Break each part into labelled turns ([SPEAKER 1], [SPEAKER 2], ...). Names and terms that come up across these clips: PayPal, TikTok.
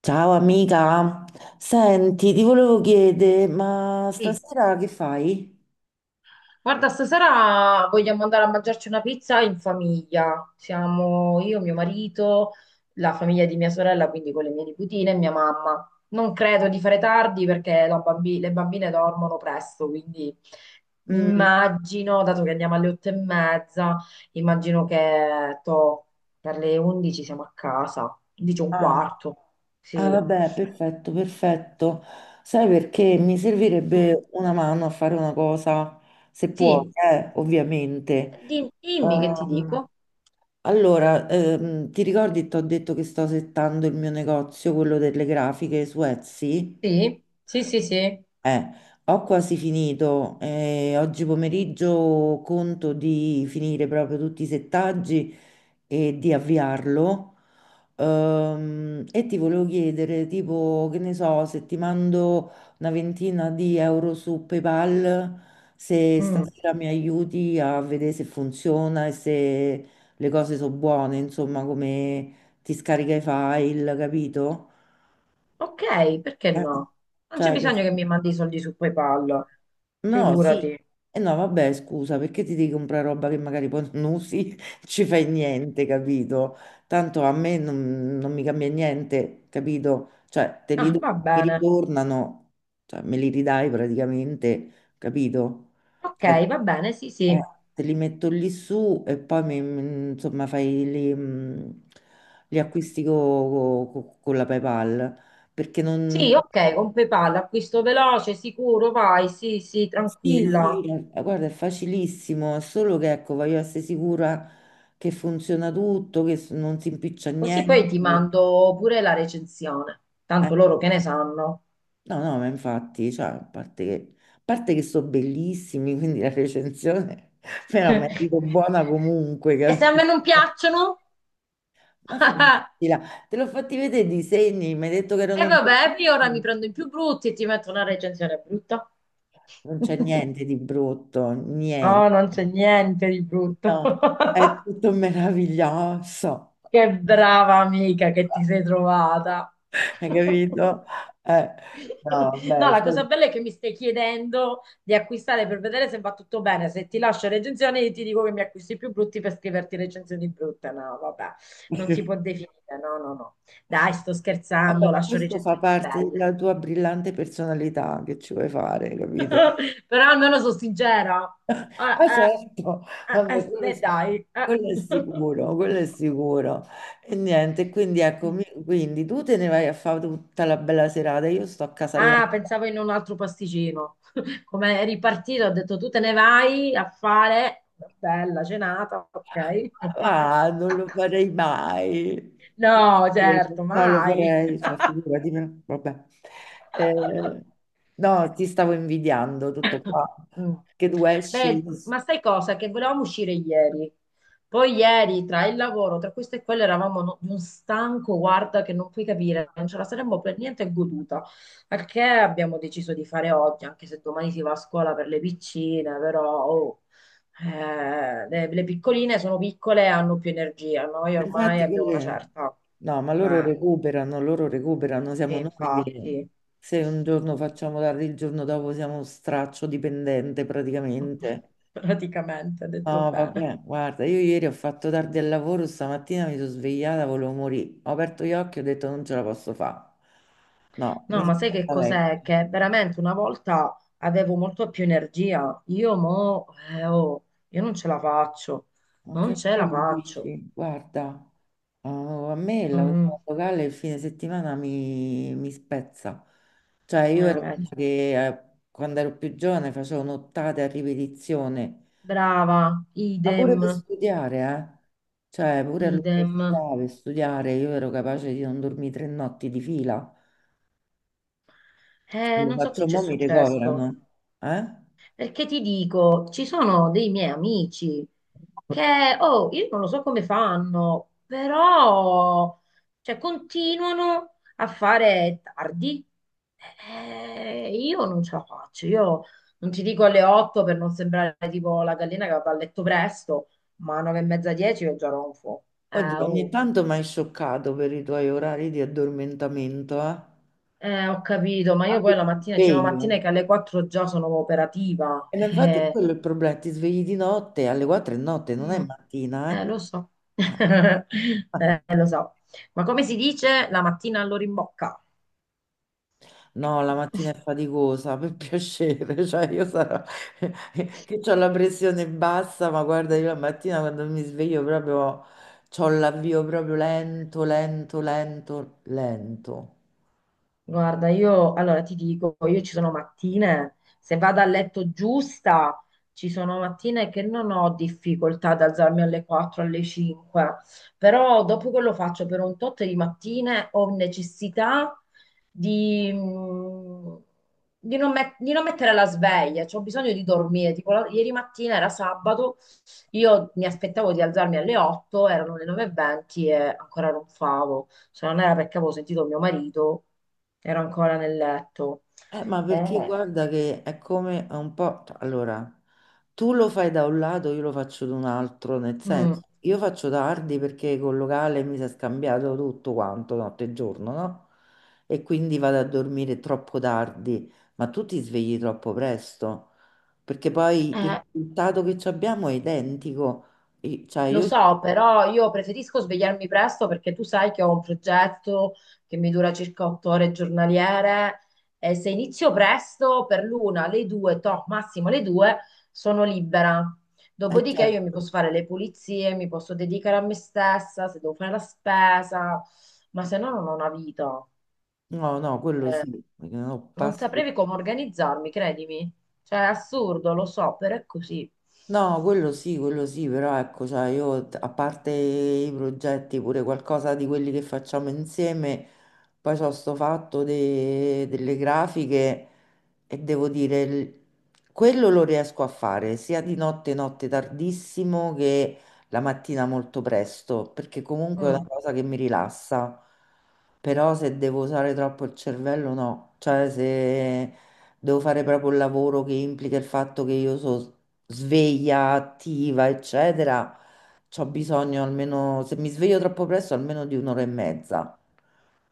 [SPEAKER 1] Ciao amica, senti, ti volevo chiedere, ma
[SPEAKER 2] Sì.
[SPEAKER 1] stasera che fai?
[SPEAKER 2] Guarda, stasera vogliamo andare a mangiarci una pizza in famiglia. Siamo io, mio marito, la famiglia di mia sorella, quindi con le mie nipotine e mia mamma. Non credo di fare tardi perché le bambine dormono presto, quindi mi
[SPEAKER 1] Mm,
[SPEAKER 2] immagino, dato che andiamo alle 8:30, immagino che toh, per le 11 siamo a casa, undici e un
[SPEAKER 1] ah,
[SPEAKER 2] quarto.
[SPEAKER 1] ah,
[SPEAKER 2] Sì.
[SPEAKER 1] vabbè, perfetto, perfetto. Sai perché mi
[SPEAKER 2] Mm.
[SPEAKER 1] servirebbe una mano a fare una cosa, se puoi,
[SPEAKER 2] Sì.
[SPEAKER 1] ovviamente.
[SPEAKER 2] Dimmi che ti
[SPEAKER 1] Ehm,
[SPEAKER 2] dico.
[SPEAKER 1] allora, ti ricordi, ti ho detto che sto settando il mio negozio, quello delle grafiche su Etsy?
[SPEAKER 2] Sì, sì, sì, sì.
[SPEAKER 1] Eh, Ho quasi finito. Oggi pomeriggio conto di finire proprio tutti i settaggi e di avviarlo. E ti volevo chiedere, tipo, che ne so, se ti mando una ventina di euro su PayPal, se
[SPEAKER 2] Mm.
[SPEAKER 1] stasera mi aiuti a vedere se funziona e se le cose sono buone, insomma, come ti scarica i file, capito?
[SPEAKER 2] Ok, perché
[SPEAKER 1] Eh,
[SPEAKER 2] no? Non c'è
[SPEAKER 1] cioè, che
[SPEAKER 2] bisogno che mi mandi i soldi su PayPal,
[SPEAKER 1] no, sì, sì.
[SPEAKER 2] figurati.
[SPEAKER 1] E no, vabbè, scusa, perché ti devi comprare roba che magari poi non usi, ci fai niente, capito? Tanto a me non mi cambia niente, capito? Cioè, te li
[SPEAKER 2] Ah,
[SPEAKER 1] do,
[SPEAKER 2] va
[SPEAKER 1] mi
[SPEAKER 2] bene.
[SPEAKER 1] ritornano, cioè, me li ridai praticamente, capito?
[SPEAKER 2] Ok,
[SPEAKER 1] Cioè,
[SPEAKER 2] va bene, sì,
[SPEAKER 1] eh,
[SPEAKER 2] sì.
[SPEAKER 1] te li metto lì su e poi, insomma, fai li, gli acquisti con la PayPal, perché non.
[SPEAKER 2] Sì, ok, con PayPal, acquisto veloce, sicuro, vai, sì, sì,
[SPEAKER 1] Sì, sì,
[SPEAKER 2] tranquilla.
[SPEAKER 1] guarda, è facilissimo, è solo che ecco, voglio essere sicura che funziona tutto, che non si impiccia
[SPEAKER 2] Così poi ti
[SPEAKER 1] niente.
[SPEAKER 2] mando pure la recensione,
[SPEAKER 1] Eh,
[SPEAKER 2] tanto loro che ne sanno.
[SPEAKER 1] no, no, ma infatti, cioè, a parte che sono bellissimi, quindi la recensione me la merito buona comunque,
[SPEAKER 2] E se a me non
[SPEAKER 1] capito?
[SPEAKER 2] piacciono?
[SPEAKER 1] Ma finitela, te l'ho fatti vedere i disegni, mi hai detto che
[SPEAKER 2] E
[SPEAKER 1] erano
[SPEAKER 2] vabbè, io ora mi
[SPEAKER 1] bellissimi,
[SPEAKER 2] prendo i più brutti e ti metto una recensione brutta.
[SPEAKER 1] non c'è niente di brutto, niente.
[SPEAKER 2] Oh, non c'è niente di brutto.
[SPEAKER 1] No, è tutto meraviglioso.
[SPEAKER 2] Che brava amica che ti sei trovata.
[SPEAKER 1] Hai capito? Eh, no,
[SPEAKER 2] No,
[SPEAKER 1] beh,
[SPEAKER 2] la
[SPEAKER 1] sì.
[SPEAKER 2] cosa bella è che mi stai chiedendo di acquistare per vedere se va tutto bene. Se ti lascio recensioni, io ti dico che mi acquisti più brutti per scriverti recensioni brutte. No, vabbè, non si può definire. No, no, no. Dai, sto
[SPEAKER 1] Vabbè,
[SPEAKER 2] scherzando,
[SPEAKER 1] ma
[SPEAKER 2] lascio
[SPEAKER 1] questo fa
[SPEAKER 2] recensioni
[SPEAKER 1] parte
[SPEAKER 2] belle.
[SPEAKER 1] della tua brillante personalità, che ci vuoi fare, capito?
[SPEAKER 2] Però almeno sono sincera. Eh,
[SPEAKER 1] Ah, certo,
[SPEAKER 2] eh,
[SPEAKER 1] vabbè,
[SPEAKER 2] eh, eh,
[SPEAKER 1] quello,
[SPEAKER 2] eh, dai.
[SPEAKER 1] quello è sicuro, quello è sicuro. E niente, quindi ecco, quindi tu te ne vai a fare tutta la bella serata, io sto a casa là.
[SPEAKER 2] Ah, pensavo in un altro pasticcino. Come è ripartito, ho detto tu te ne vai a fare una bella cenata, ok?
[SPEAKER 1] Ma non lo farei mai.
[SPEAKER 2] No,
[SPEAKER 1] Eh,
[SPEAKER 2] certo,
[SPEAKER 1] No, lo
[SPEAKER 2] mai.
[SPEAKER 1] farei, cioè, figurati, vabbè. Eh, no, ti stavo invidiando tutto qua.
[SPEAKER 2] Mm.
[SPEAKER 1] Che tu esci.
[SPEAKER 2] Beh, ma sai cosa? Che volevamo uscire ieri. Poi ieri, tra il lavoro, tra questo e quello, eravamo di un stanco, guarda, che non puoi capire, non ce la saremmo per niente goduta. Al che abbiamo deciso di fare oggi, anche se domani si va a scuola per le piccine, però oh, le piccoline sono piccole e hanno più energia. Noi ormai
[SPEAKER 1] Infatti,
[SPEAKER 2] abbiamo una certa.
[SPEAKER 1] no, ma
[SPEAKER 2] Eh,
[SPEAKER 1] loro recuperano,
[SPEAKER 2] sì,
[SPEAKER 1] siamo noi che
[SPEAKER 2] infatti,
[SPEAKER 1] se un giorno facciamo tardi, il giorno dopo siamo straccio dipendente praticamente.
[SPEAKER 2] praticamente, ha detto
[SPEAKER 1] No,
[SPEAKER 2] bene.
[SPEAKER 1] vabbè, guarda, io ieri ho fatto tardi al lavoro, stamattina mi sono svegliata, volevo morire. Ho aperto gli occhi e ho detto non ce la posso fare. No,
[SPEAKER 2] No,
[SPEAKER 1] mi
[SPEAKER 2] ma
[SPEAKER 1] sono
[SPEAKER 2] sai che
[SPEAKER 1] fatta vecchia.
[SPEAKER 2] cos'è? Che veramente una volta avevo molto più energia. Io mo, oh, io non ce la faccio, non
[SPEAKER 1] Anche
[SPEAKER 2] ce la
[SPEAKER 1] bello,
[SPEAKER 2] faccio.
[SPEAKER 1] dici, guarda, oh, a me il
[SPEAKER 2] Mm,
[SPEAKER 1] lavoro locale il fine settimana mi spezza. Cioè, io ero una
[SPEAKER 2] Vedi.
[SPEAKER 1] che quando ero più giovane facevo nottate a ripetizione,
[SPEAKER 2] Brava,
[SPEAKER 1] ma pure
[SPEAKER 2] idem,
[SPEAKER 1] per studiare, eh. Cioè, pure
[SPEAKER 2] idem.
[SPEAKER 1] all'università per studiare, io ero capace di non dormire 3 notti di fila. Lo
[SPEAKER 2] Non so che
[SPEAKER 1] faccio,
[SPEAKER 2] c'è
[SPEAKER 1] mo mi
[SPEAKER 2] successo.
[SPEAKER 1] ricoverano. Eh?
[SPEAKER 2] Perché ti dico, ci sono dei miei amici che, oh, io non lo so come fanno, però, cioè, continuano a fare tardi. Io non ce la faccio, io non ti dico alle 8 per non sembrare tipo la gallina che va a letto presto, ma a 9 e mezza, 10 io già ronfo.
[SPEAKER 1] Oddio, ogni
[SPEAKER 2] Oh.
[SPEAKER 1] tanto mi hai scioccato per i tuoi orari di addormentamento, eh?
[SPEAKER 2] Ho capito, ma io
[SPEAKER 1] Quando
[SPEAKER 2] poi la
[SPEAKER 1] ti
[SPEAKER 2] mattina, ci sono mattine che
[SPEAKER 1] sveglio.
[SPEAKER 2] alle 4 già sono operativa.
[SPEAKER 1] E ma infatti quello è il problema, ti svegli di notte alle 4 di notte, non è
[SPEAKER 2] Mm,
[SPEAKER 1] mattina, eh?
[SPEAKER 2] Lo so.
[SPEAKER 1] Ah.
[SPEAKER 2] Lo so. Ma come si dice la mattina all'ora in bocca?
[SPEAKER 1] No, la mattina è faticosa, per piacere, cioè io sarò che ho la pressione bassa, ma guarda, io la mattina quando mi sveglio proprio ho l'avvio proprio lento, lento, lento, lento.
[SPEAKER 2] Guarda, io allora ti dico, io ci sono mattine, se vado a letto giusta, ci sono mattine che non ho difficoltà ad alzarmi alle 4, alle 5, però dopo che lo faccio per un tot di mattine ho necessità di, mm, di non mettere la sveglia, cioè ho bisogno di dormire. Tipo, ieri mattina era sabato, io mi aspettavo di alzarmi alle 8, erano le 9:20 e venti e ancora ronfavo. Se non era perché avevo sentito mio marito, ero ancora nel letto.
[SPEAKER 1] Ma perché
[SPEAKER 2] Eh.
[SPEAKER 1] guarda che è come è un po', cioè, allora, tu lo fai da un lato, io lo faccio da un altro, nel
[SPEAKER 2] Mm.
[SPEAKER 1] senso, io faccio tardi perché col locale mi si è scambiato tutto quanto, notte e giorno, no? E quindi vado a dormire troppo tardi, ma tu ti svegli troppo presto, perché poi il
[SPEAKER 2] Eh,
[SPEAKER 1] risultato che ci abbiamo è identico. Cioè,
[SPEAKER 2] lo
[SPEAKER 1] io.
[SPEAKER 2] so, però io preferisco svegliarmi presto perché tu sai che ho un progetto che mi dura circa 8 ore giornaliere e se inizio presto per l'una, le due, to, massimo le due, sono libera. Dopodiché io mi
[SPEAKER 1] Certo.
[SPEAKER 2] posso fare le pulizie, mi posso dedicare a me stessa, se devo fare la spesa, ma se no non ho una vita.
[SPEAKER 1] No, no, quello
[SPEAKER 2] Eh,
[SPEAKER 1] sì, perché no,
[SPEAKER 2] non
[SPEAKER 1] passi.
[SPEAKER 2] saprei come organizzarmi, credimi. Cioè, è assurdo, lo so, però è così.
[SPEAKER 1] No, quello sì, però ecco, cioè io a parte i progetti, pure qualcosa di quelli che facciamo insieme, poi c'ho sto fatto delle grafiche e devo dire, quello lo riesco a fare sia di notte, notte tardissimo che la mattina molto presto, perché comunque è una
[SPEAKER 2] Mm.
[SPEAKER 1] cosa che mi rilassa, però se devo usare troppo il cervello no, cioè se devo fare proprio il lavoro che implica il fatto che io so sveglia attiva, eccetera, c'ho bisogno almeno, se mi sveglio troppo presto, almeno di un'ora e mezza.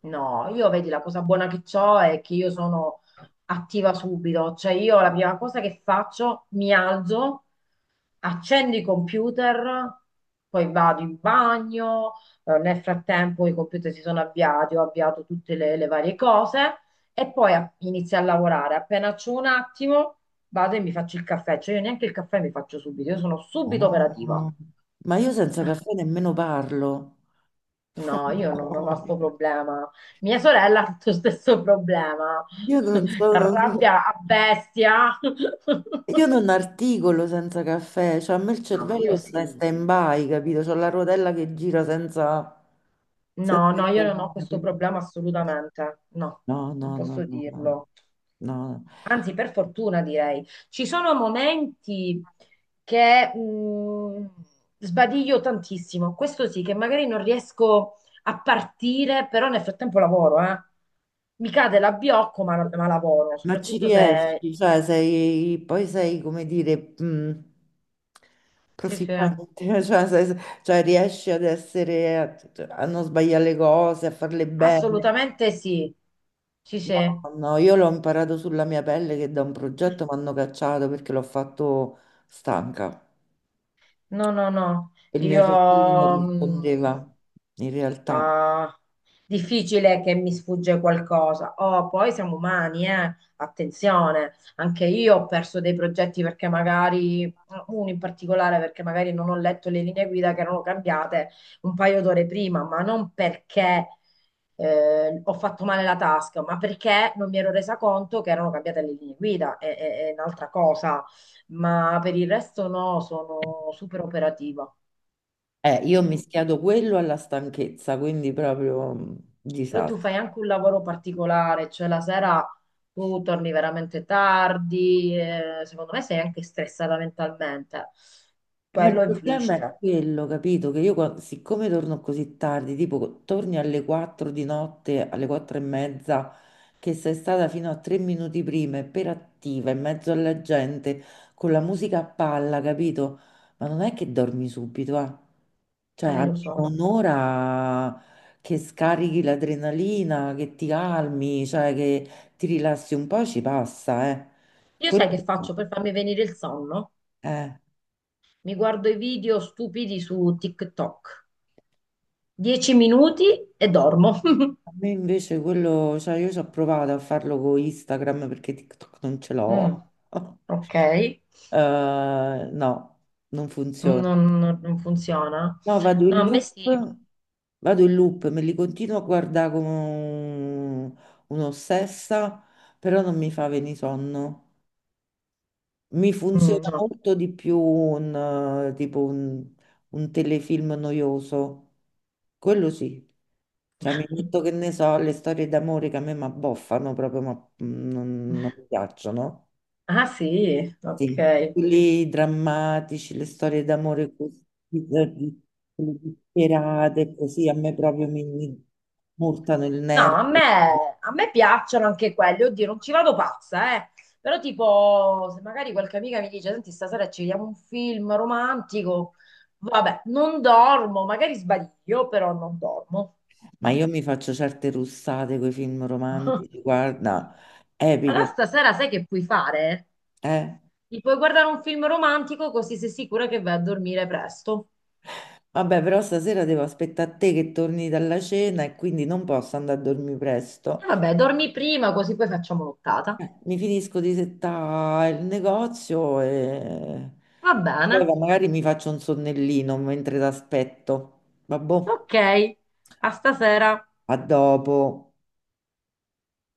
[SPEAKER 2] No, io vedi la cosa buona che ho è che io sono attiva subito, cioè io la prima cosa che faccio, mi alzo, accendo i computer, poi vado in bagno, nel frattempo i computer si sono avviati, ho avviato tutte le varie cose e poi inizio a lavorare. Appena c'ho un attimo, vado e mi faccio il caffè, cioè io neanche il caffè mi faccio subito, io sono subito
[SPEAKER 1] Ah.
[SPEAKER 2] operativa.
[SPEAKER 1] Ma io senza caffè nemmeno parlo.
[SPEAKER 2] No, io non ho sto problema. Mia sorella ha tutto lo stesso problema.
[SPEAKER 1] Io
[SPEAKER 2] Si
[SPEAKER 1] non sono,
[SPEAKER 2] arrabbia a bestia.
[SPEAKER 1] io non articolo senza caffè, cioè a me il
[SPEAKER 2] No, ma io
[SPEAKER 1] cervello sta in
[SPEAKER 2] sì.
[SPEAKER 1] stand-by, capito? C'ho la rotella che gira senza,
[SPEAKER 2] No,
[SPEAKER 1] senza
[SPEAKER 2] no, io non ho questo
[SPEAKER 1] richiamare.
[SPEAKER 2] problema assolutamente, no,
[SPEAKER 1] No,
[SPEAKER 2] non
[SPEAKER 1] no, no,
[SPEAKER 2] posso
[SPEAKER 1] no, no.
[SPEAKER 2] dirlo.
[SPEAKER 1] No.
[SPEAKER 2] Anzi, per fortuna direi, ci sono momenti che sbadiglio tantissimo. Questo sì, che magari non riesco a partire, però nel frattempo lavoro, eh. Mi cade l'abbiocco, ma lavoro,
[SPEAKER 1] Ma ci
[SPEAKER 2] soprattutto se...
[SPEAKER 1] riesci, cioè sei, poi sei, come dire,
[SPEAKER 2] Sì, sì,
[SPEAKER 1] profittante, cioè, cioè riesci ad essere, a, a non sbagliare le cose, a farle bene.
[SPEAKER 2] assolutamente sì. Sì, sì.
[SPEAKER 1] No, no, io l'ho imparato sulla mia pelle che da un progetto mi hanno cacciato perché l'ho fatto stanca.
[SPEAKER 2] No, no, no.
[SPEAKER 1] Il mio
[SPEAKER 2] Io...
[SPEAKER 1] cervello non
[SPEAKER 2] mh,
[SPEAKER 1] rispondeva, in realtà.
[SPEAKER 2] Ah, difficile che mi sfugge qualcosa. Oh, poi siamo umani, eh? Attenzione, anche io ho perso dei progetti perché magari, uno in particolare perché magari non ho letto le linee guida che erano cambiate un paio d'ore prima, ma non perché ho fatto male la tasca, ma perché non mi ero resa conto che erano cambiate le linee guida, è un'altra cosa, ma per il resto no, sono super operativa.
[SPEAKER 1] Io ho
[SPEAKER 2] Mm.
[SPEAKER 1] mischiato quello alla stanchezza, quindi proprio
[SPEAKER 2] Però tu
[SPEAKER 1] disastro.
[SPEAKER 2] fai anche un lavoro particolare, cioè la sera tu torni veramente tardi, secondo me sei anche stressata mentalmente.
[SPEAKER 1] Ma il
[SPEAKER 2] Quello
[SPEAKER 1] problema è
[SPEAKER 2] influisce,
[SPEAKER 1] quello, capito? Che io, siccome torno così tardi, tipo torni alle 4 di notte, alle 4 e mezza, che sei stata fino a 3 minuti prima, e per attiva, in mezzo alla gente, con la musica a palla, capito? Ma non è che dormi subito, eh? Cioè,
[SPEAKER 2] lo
[SPEAKER 1] almeno
[SPEAKER 2] so.
[SPEAKER 1] un'ora che scarichi l'adrenalina, che ti calmi, cioè che ti rilassi un po', ci passa, eh?
[SPEAKER 2] Io
[SPEAKER 1] Quello,
[SPEAKER 2] sai che faccio per farmi venire il sonno?
[SPEAKER 1] eh.
[SPEAKER 2] Mi guardo i video stupidi su TikTok. 10 minuti e dormo.
[SPEAKER 1] A me invece quello, cioè io ci ho provato a farlo con Instagram perché TikTok non ce
[SPEAKER 2] Mm,
[SPEAKER 1] l'ho.
[SPEAKER 2] ok,
[SPEAKER 1] Eh, no, non funziona.
[SPEAKER 2] non funziona.
[SPEAKER 1] No,
[SPEAKER 2] No, a me sì.
[SPEAKER 1] vado in loop, me li continuo a guardare come un'ossessa, però non mi fa venire sonno. Mi
[SPEAKER 2] Mm,
[SPEAKER 1] funziona
[SPEAKER 2] no.
[SPEAKER 1] molto di più un tipo un telefilm noioso. Quello sì. Cioè, mi metto che ne so, le storie d'amore che a me mi abboffano proprio, ma non mi piacciono.
[SPEAKER 2] Ah sì,
[SPEAKER 1] Sì,
[SPEAKER 2] ok.
[SPEAKER 1] quelli drammatici, le storie d'amore così, eh, di- quelle disperate, così a me proprio mi murtano il
[SPEAKER 2] No,
[SPEAKER 1] nervo.
[SPEAKER 2] a me piacciono anche quelli, oddio, non ci vado pazza, eh. Però tipo, se magari qualche amica mi dice, senti, stasera ci vediamo un film romantico, vabbè, non dormo, magari sbaglio, però non dormo.
[SPEAKER 1] Ma
[SPEAKER 2] No.
[SPEAKER 1] io mi faccio certe russate con i film romantici, guarda,
[SPEAKER 2] Allora
[SPEAKER 1] epiche,
[SPEAKER 2] stasera sai che puoi fare?
[SPEAKER 1] eh.
[SPEAKER 2] Ti puoi guardare un film romantico così sei sicura che vai a dormire presto.
[SPEAKER 1] Vabbè, però stasera devo aspettare a te che torni dalla cena e quindi non posso andare a dormire presto.
[SPEAKER 2] E vabbè, dormi prima così poi facciamo l'ottata.
[SPEAKER 1] Mi finisco di settare il negozio e
[SPEAKER 2] Va bene.
[SPEAKER 1] poi magari mi faccio un sonnellino mentre t'aspetto. Vabbò,
[SPEAKER 2] Ok, a stasera.
[SPEAKER 1] a dopo.